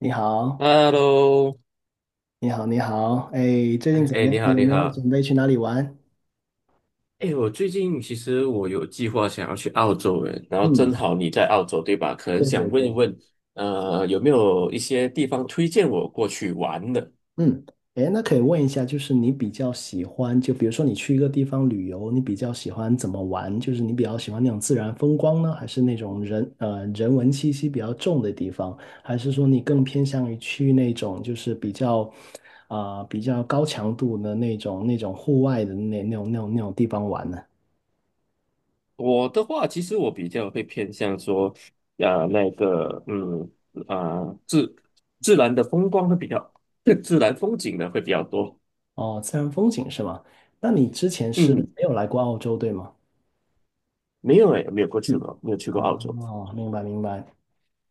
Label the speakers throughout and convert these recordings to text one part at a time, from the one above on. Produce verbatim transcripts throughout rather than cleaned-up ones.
Speaker 1: 你好，
Speaker 2: Hello。
Speaker 1: 你好，你好，哎，最近
Speaker 2: 哎，
Speaker 1: 怎么
Speaker 2: 哎
Speaker 1: 样？
Speaker 2: 你好，
Speaker 1: 有
Speaker 2: 你
Speaker 1: 没有
Speaker 2: 好。
Speaker 1: 准备去哪里玩？
Speaker 2: 哎，我最近其实我有计划想要去澳洲诶，然后正
Speaker 1: 嗯，
Speaker 2: 好你在澳洲，对吧？可能
Speaker 1: 对
Speaker 2: 想
Speaker 1: 对
Speaker 2: 问一
Speaker 1: 对。
Speaker 2: 问，呃，有没有一些地方推荐我过去玩的？
Speaker 1: 嗯，哎，那可以问一下，就是你比较喜欢，就比如说你去一个地方旅游，你比较喜欢怎么玩？就是你比较喜欢那种自然风光呢，还是那种人呃人文气息比较重的地方？还是说你更偏向于去那种就是比较啊、比较高强度的那种那种户外的那那种那种那种地方玩呢？
Speaker 2: 我的话，其实我比较会偏向说，呃，那个，嗯，啊、自自然的风光会比较，自然风景呢会比较多。
Speaker 1: 哦，自然风景是吗？那你之前是
Speaker 2: 嗯。
Speaker 1: 没有来过澳洲，对吗？
Speaker 2: 没有诶，没有过去
Speaker 1: 嗯，
Speaker 2: 过，没有去过澳
Speaker 1: 哦，
Speaker 2: 洲。
Speaker 1: 明白明白。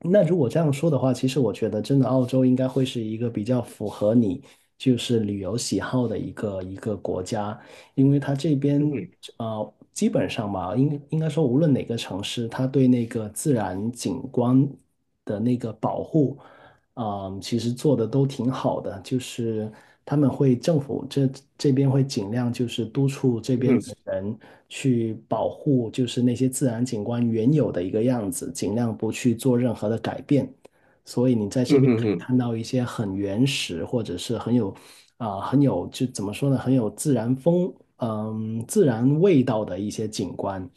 Speaker 1: 那如果这样说的话，其实我觉得真的澳洲应该会是一个比较符合你就是旅游喜好的一个一个国家，因为它这
Speaker 2: 嗯
Speaker 1: 边
Speaker 2: 哼。
Speaker 1: 呃基本上吧，应应该说无论哪个城市，它对那个自然景观的那个保护，啊，其实做的都挺好的，就是他们会政府这这边会尽量就是督促这
Speaker 2: 嗯
Speaker 1: 边
Speaker 2: 哼。
Speaker 1: 的人去保护，就是那些自然景观原有的一个样子，尽量不去做任何的改变。所以你在这
Speaker 2: 嗯
Speaker 1: 边
Speaker 2: 哼嗯
Speaker 1: 可以
Speaker 2: 哼。
Speaker 1: 看到一些很原始，或者是很有啊、很有就怎么说呢，很有自然风嗯、自然味道的一些景观。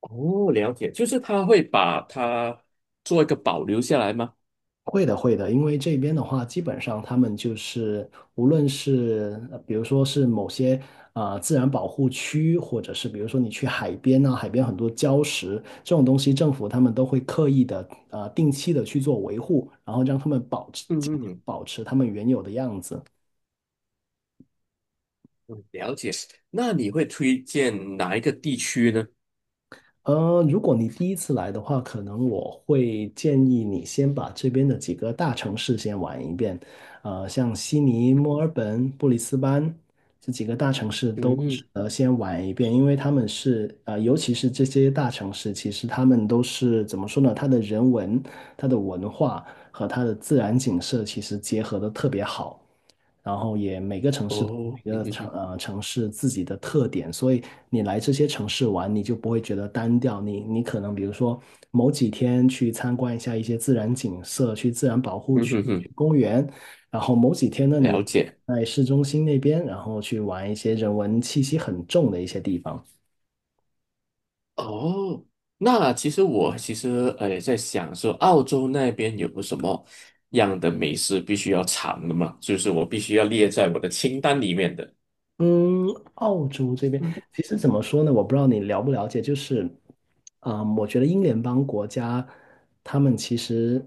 Speaker 2: 哦，了解，就是他会把它做一个保留下来吗？
Speaker 1: 会的，会的，因为这边的话，基本上他们就是无论是呃比如说是某些啊、自然保护区，或者是比如说你去海边啊，海边很多礁石这种东西，政府他们都会刻意的呃定期的去做维护，然后让他们保持
Speaker 2: 嗯
Speaker 1: 尽量
Speaker 2: 嗯
Speaker 1: 保持他们原有的样子。
Speaker 2: 嗯，了解。那你会推荐哪一个地区呢？
Speaker 1: 呃，如果你第一次来的话，可能我会建议你先把这边的几个大城市先玩一遍。呃，像悉尼、墨尔本、布里斯班这几个大城市都
Speaker 2: 嗯。
Speaker 1: 呃先玩一遍，因为他们是呃，尤其是这些大城市，其实他们都是怎么说呢？它的人文、它的文化和它的自然景色其实结合的特别好。然后也每个城市
Speaker 2: 哦。
Speaker 1: 每
Speaker 2: 嗯
Speaker 1: 个
Speaker 2: 哼
Speaker 1: 城
Speaker 2: 哼。
Speaker 1: 呃城市自己的特点，所以你来这些城市玩，你就不会觉得单调。你你可能比如说某几天去参观一下一些自然景色，去自然保护
Speaker 2: 嗯
Speaker 1: 区、
Speaker 2: 哼
Speaker 1: 去
Speaker 2: 哼，
Speaker 1: 公园，然后某几天呢，你
Speaker 2: 了解。
Speaker 1: 在市中心那边，然后去玩一些人文气息很重的一些地方。
Speaker 2: 哦，那其实我其实呃也在想说，澳洲那边有什么样的美食必须要尝的嘛？就是我必须要列在我的清单里面的。
Speaker 1: 嗯，澳洲这边
Speaker 2: 嗯，
Speaker 1: 其实怎么说呢？我不知道你了不了解，就是，嗯，我觉得英联邦国家，他们其实，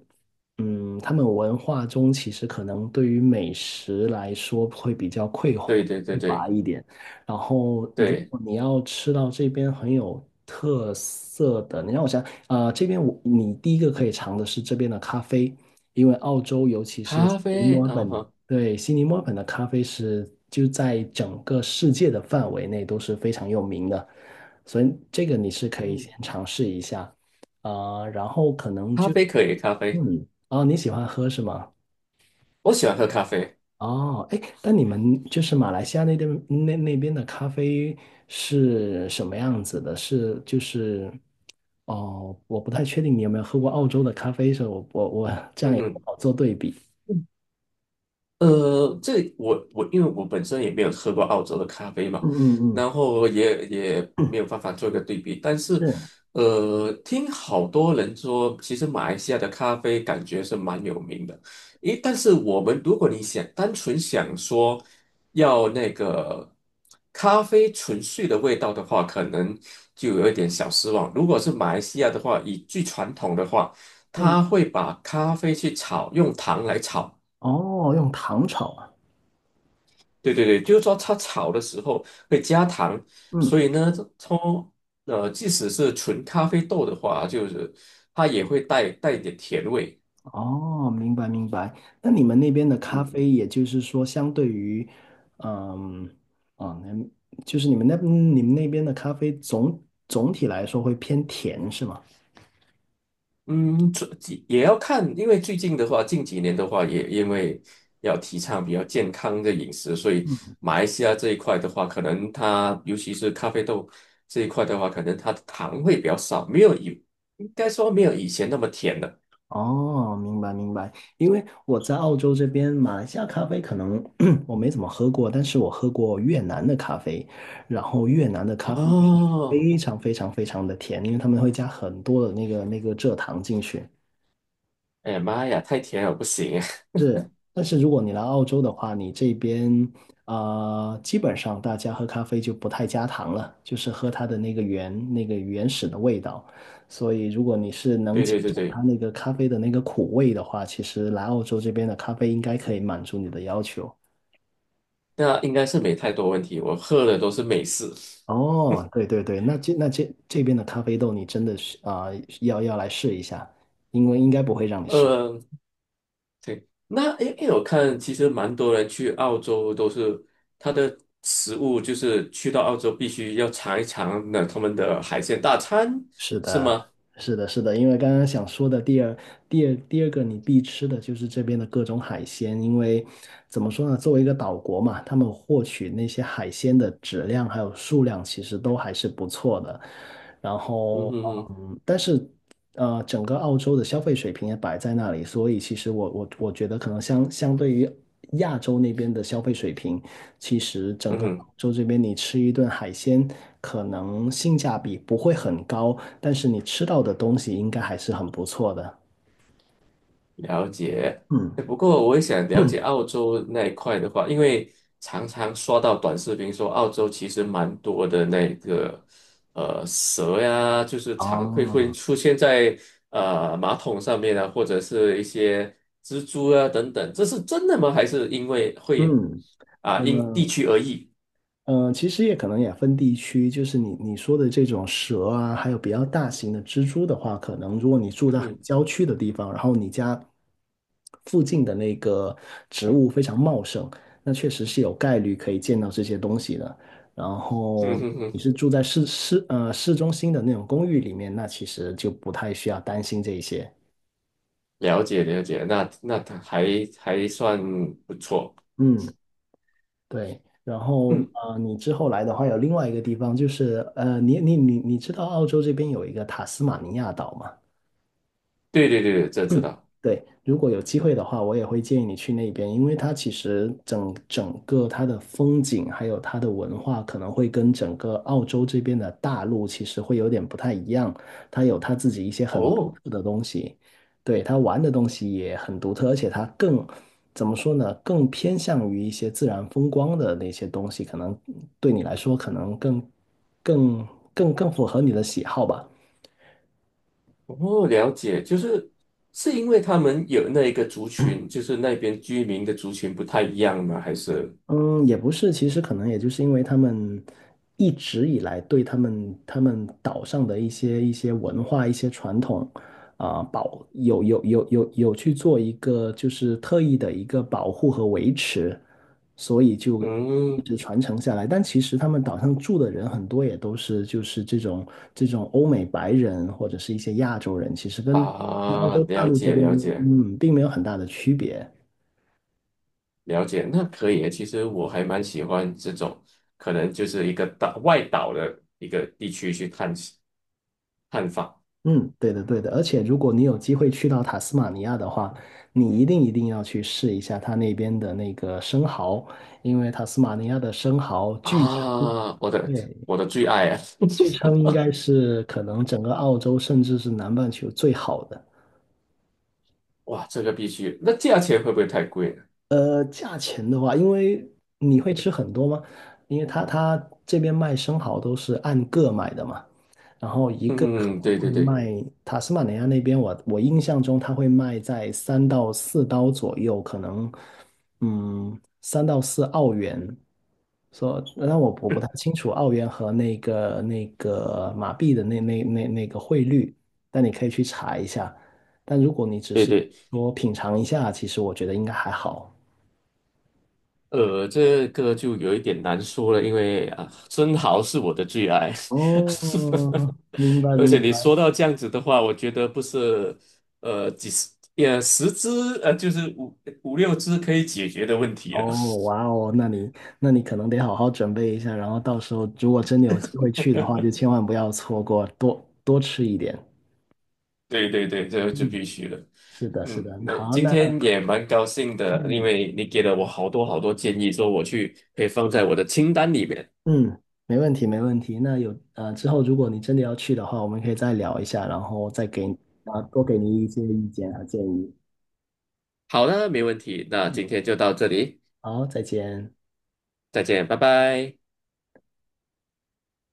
Speaker 1: 嗯，他们文化中其实可能对于美食来说会比较匮
Speaker 2: 对对对
Speaker 1: 匮乏
Speaker 2: 对
Speaker 1: 一点。然后，如
Speaker 2: 对。
Speaker 1: 果你要吃到这边很有特色的，你让我想，呃，这边我你第一个可以尝的是这边的咖啡，因为澳洲尤其是悉
Speaker 2: 咖
Speaker 1: 尼
Speaker 2: 啡
Speaker 1: 墨尔
Speaker 2: 啊
Speaker 1: 本，
Speaker 2: 哈。
Speaker 1: 对，悉尼墨尔本的咖啡是就在整个世界的范围内都是非常有名的，所以这个你是可以先
Speaker 2: 嗯，
Speaker 1: 尝试一下。啊，然后可能
Speaker 2: 咖
Speaker 1: 就
Speaker 2: 啡可以，咖啡。
Speaker 1: 嗯，哦，你喜欢喝是吗？
Speaker 2: 我喜欢喝咖啡。
Speaker 1: 哦，哎，那你们就是马来西亚那边那那边的咖啡是什么样子的？是就是，哦，我不太确定你有没有喝过澳洲的咖啡，所以我我我这样
Speaker 2: 嗯
Speaker 1: 也不
Speaker 2: 哼。
Speaker 1: 好做对比。
Speaker 2: 呃，这我我因为我本身也没有喝过澳洲的咖啡嘛，
Speaker 1: 嗯嗯嗯。
Speaker 2: 然后也也
Speaker 1: 嗯，
Speaker 2: 没有办法做一个对比，但是
Speaker 1: 是。
Speaker 2: 呃，听好多人说，其实马来西亚的咖啡感觉是蛮有名的。诶，但是我们如果你想单纯想说要那个咖啡纯粹的味道的话，可能就有一点小失望。如果是马来西亚的话，以最传统的话，
Speaker 1: 嗯，
Speaker 2: 它会把咖啡去炒，用糖来炒。
Speaker 1: 哦，用糖炒啊。
Speaker 2: 对对对，就是说它炒的时候会加糖，
Speaker 1: 嗯，
Speaker 2: 所以呢，从呃，即使是纯咖啡豆的话，就是它也会带带一点甜味。
Speaker 1: 哦，明白明白。那你们那边的咖
Speaker 2: 嗯。
Speaker 1: 啡，也就是说，相对于，嗯，哦，那就是你们那嗯你们那边的咖啡总总体来说会偏甜是吗？
Speaker 2: 嗯，这也要看，因为最近的话，近几年的话，也因为要提倡比较健康的饮食，所以马来西亚这一块的话，可能它尤其是咖啡豆这一块的话，可能它的糖会比较少，没有以应该说没有以前那么甜了。
Speaker 1: 哦，明白明白，因为我在澳洲这边，马来西亚咖啡可能 我没怎么喝过，但是我喝过越南的咖啡，然后越南的咖啡就是
Speaker 2: 哦。
Speaker 1: 非常非常非常的甜，因为他们会加很多的那个那个蔗糖进去。
Speaker 2: 哎呀妈呀，太甜了不行啊。
Speaker 1: 是，但是如果你来澳洲的话，你这边啊、呃基本上大家喝咖啡就不太加糖了，就是喝它的那个原那个原始的味道。所以，如果你是能
Speaker 2: 对
Speaker 1: 接
Speaker 2: 对对
Speaker 1: 受它
Speaker 2: 对，
Speaker 1: 那个咖啡的那个苦味的话，其实来澳洲这边的咖啡应该可以满足你的要求。
Speaker 2: 那应该是没太多问题。我喝的都是美式。
Speaker 1: 哦，对对对，那这那这这边的咖啡豆，你真的是啊、要要来试一下，因为应该不会让你失。
Speaker 2: 呃，对。那诶诶，因为我看其实蛮多人去澳洲都是他的食物，就是去到澳洲必须要尝一尝那他们的海鲜大餐，
Speaker 1: 是
Speaker 2: 是
Speaker 1: 的，
Speaker 2: 吗？
Speaker 1: 是的，是的，因为刚刚想说的第二、第二、第二个你必吃的就是这边的各种海鲜，因为怎么说呢，作为一个岛国嘛，他们获取那些海鲜的质量还有数量其实都还是不错的。然
Speaker 2: 嗯
Speaker 1: 后，
Speaker 2: 哼哼。
Speaker 1: 嗯，但是呃，整个澳洲的消费水平也摆在那里，所以其实我我我觉得可能相相对于亚洲那边的消费水平，其实整
Speaker 2: 嗯
Speaker 1: 个澳
Speaker 2: 哼。
Speaker 1: 洲这边你吃一顿海鲜，可能性价比不会很高，但是你吃到的东西应该还是很不错的。
Speaker 2: 了解。
Speaker 1: 嗯，
Speaker 2: 哎，不过我也想了解
Speaker 1: 嗯
Speaker 2: 澳洲那一块的话，因为常常刷到短视频说澳洲其实蛮多的那个呃蛇呀，就是常会会
Speaker 1: 哦，
Speaker 2: 出现在呃马桶上面啊，或者是一些蜘蛛啊等等，这是真的吗？还是因为会
Speaker 1: 嗯，
Speaker 2: 啊、因地
Speaker 1: 呃，
Speaker 2: 区而异？
Speaker 1: 嗯，呃其实也可能也分地区，就是你你说的这种蛇啊，还有比较大型的蜘蛛的话，可能如果你住
Speaker 2: 嗯
Speaker 1: 在很
Speaker 2: 哼。
Speaker 1: 郊区的地方，然后你家附近的那个植物非常茂盛，那确实是有概率可以见到这些东西的。然
Speaker 2: 嗯
Speaker 1: 后
Speaker 2: 哼
Speaker 1: 你
Speaker 2: 哼。
Speaker 1: 是住在市市呃市中心的那种公寓里面，那其实就不太需要担心这一些。
Speaker 2: 了解了解，那那它还还算不错。
Speaker 1: 嗯。对，然后
Speaker 2: 嗯，
Speaker 1: 呃，你之后来的话，有另外一个地方就是呃，你你你你知道澳洲这边有一个塔斯马尼亚岛吗？
Speaker 2: 对对对，这知
Speaker 1: 嗯，
Speaker 2: 道。
Speaker 1: 对，如果有机会的话，我也会建议你去那边，因为它其实整整个它的风景，还有它的文化，可能会跟整个澳洲这边的大陆其实会有点不太一样，它有它自己一些很独
Speaker 2: 哦。
Speaker 1: 特的东西，对，它玩的东西也很独特，而且它更，怎么说呢，更偏向于一些自然风光的那些东西，可能对你来说可能更更更更符合你的喜好吧。
Speaker 2: 哦，了解，就是是因为他们有那一个族群，就是那边居民的族群不太一样吗？还是
Speaker 1: 嗯，也不是，其实可能也就是因为他们一直以来对他们他们岛上的一些一些文化、一些传统啊、保有有有有有去做一个就是特意的一个保护和维持，所以就一
Speaker 2: 嗯
Speaker 1: 直传承下来。但其实他们岛上住的人很多也都是就是这种这种欧美白人或者是一些亚洲人，其实跟跟澳
Speaker 2: 啊，
Speaker 1: 洲大
Speaker 2: 了
Speaker 1: 陆这
Speaker 2: 解
Speaker 1: 边
Speaker 2: 了解
Speaker 1: 嗯并没有很大的区别。
Speaker 2: 了解，那可以。其实我还蛮喜欢这种，可能就是一个岛外岛的一个地区去探险探访。
Speaker 1: 嗯，对的，对的。而且，如果你有机会去到塔斯马尼亚的话，你一定一定要去试一下它那边的那个生蚝，因为塔斯马尼亚的生蚝据称，
Speaker 2: 啊，我的
Speaker 1: 对，
Speaker 2: 我的最爱啊！
Speaker 1: 据称应该是可能整个澳洲甚至是南半球最好的。
Speaker 2: 哇，这个必须。那价钱会不会太贵呢？
Speaker 1: 呃，价钱的话，因为你会吃很多吗？因为他他这边卖生蚝都是按个买的嘛。然后一个可
Speaker 2: 嗯，
Speaker 1: 能
Speaker 2: 对
Speaker 1: 会
Speaker 2: 对对
Speaker 1: 卖塔斯马尼亚那边我，我印象中它会卖在三到四刀左右，可能嗯三到四澳元。说，那我我不太清楚澳元和那个那个马币的那那那那个汇率，但你可以去查一下。但如果你只
Speaker 2: 对
Speaker 1: 是
Speaker 2: 对。
Speaker 1: 说品尝一下，其实我觉得应该还好。
Speaker 2: 呃，这个就有一点难说了，因为啊，生蚝是我的最爱。
Speaker 1: 哦，明白
Speaker 2: 而且
Speaker 1: 明
Speaker 2: 你
Speaker 1: 白。
Speaker 2: 说到这样子的话，我觉得不是呃几十呃十只呃就是五五六只可以解决的问题了。
Speaker 1: 哦，哇哦，那你那你可能得好好准备一下，然后到时候如果真的有机会去的话，就千万不要错过，多多吃一点。
Speaker 2: 对对对，这就
Speaker 1: 嗯，
Speaker 2: 必须的。
Speaker 1: 是的，是的。
Speaker 2: 嗯，那
Speaker 1: 好，
Speaker 2: 今
Speaker 1: 那
Speaker 2: 天也蛮高兴的，因
Speaker 1: 嗯
Speaker 2: 为你给了我好多好多建议，说我去可以放在我的清单里面。
Speaker 1: 嗯，没问题，没问题。那有呃，之后如果你真的要去的话，我们可以再聊一下，然后再给啊多给你一些意见和建议。
Speaker 2: 好的，没问题。那
Speaker 1: 嗯，
Speaker 2: 今天就到这里，
Speaker 1: 好，再见。
Speaker 2: 再见，拜拜。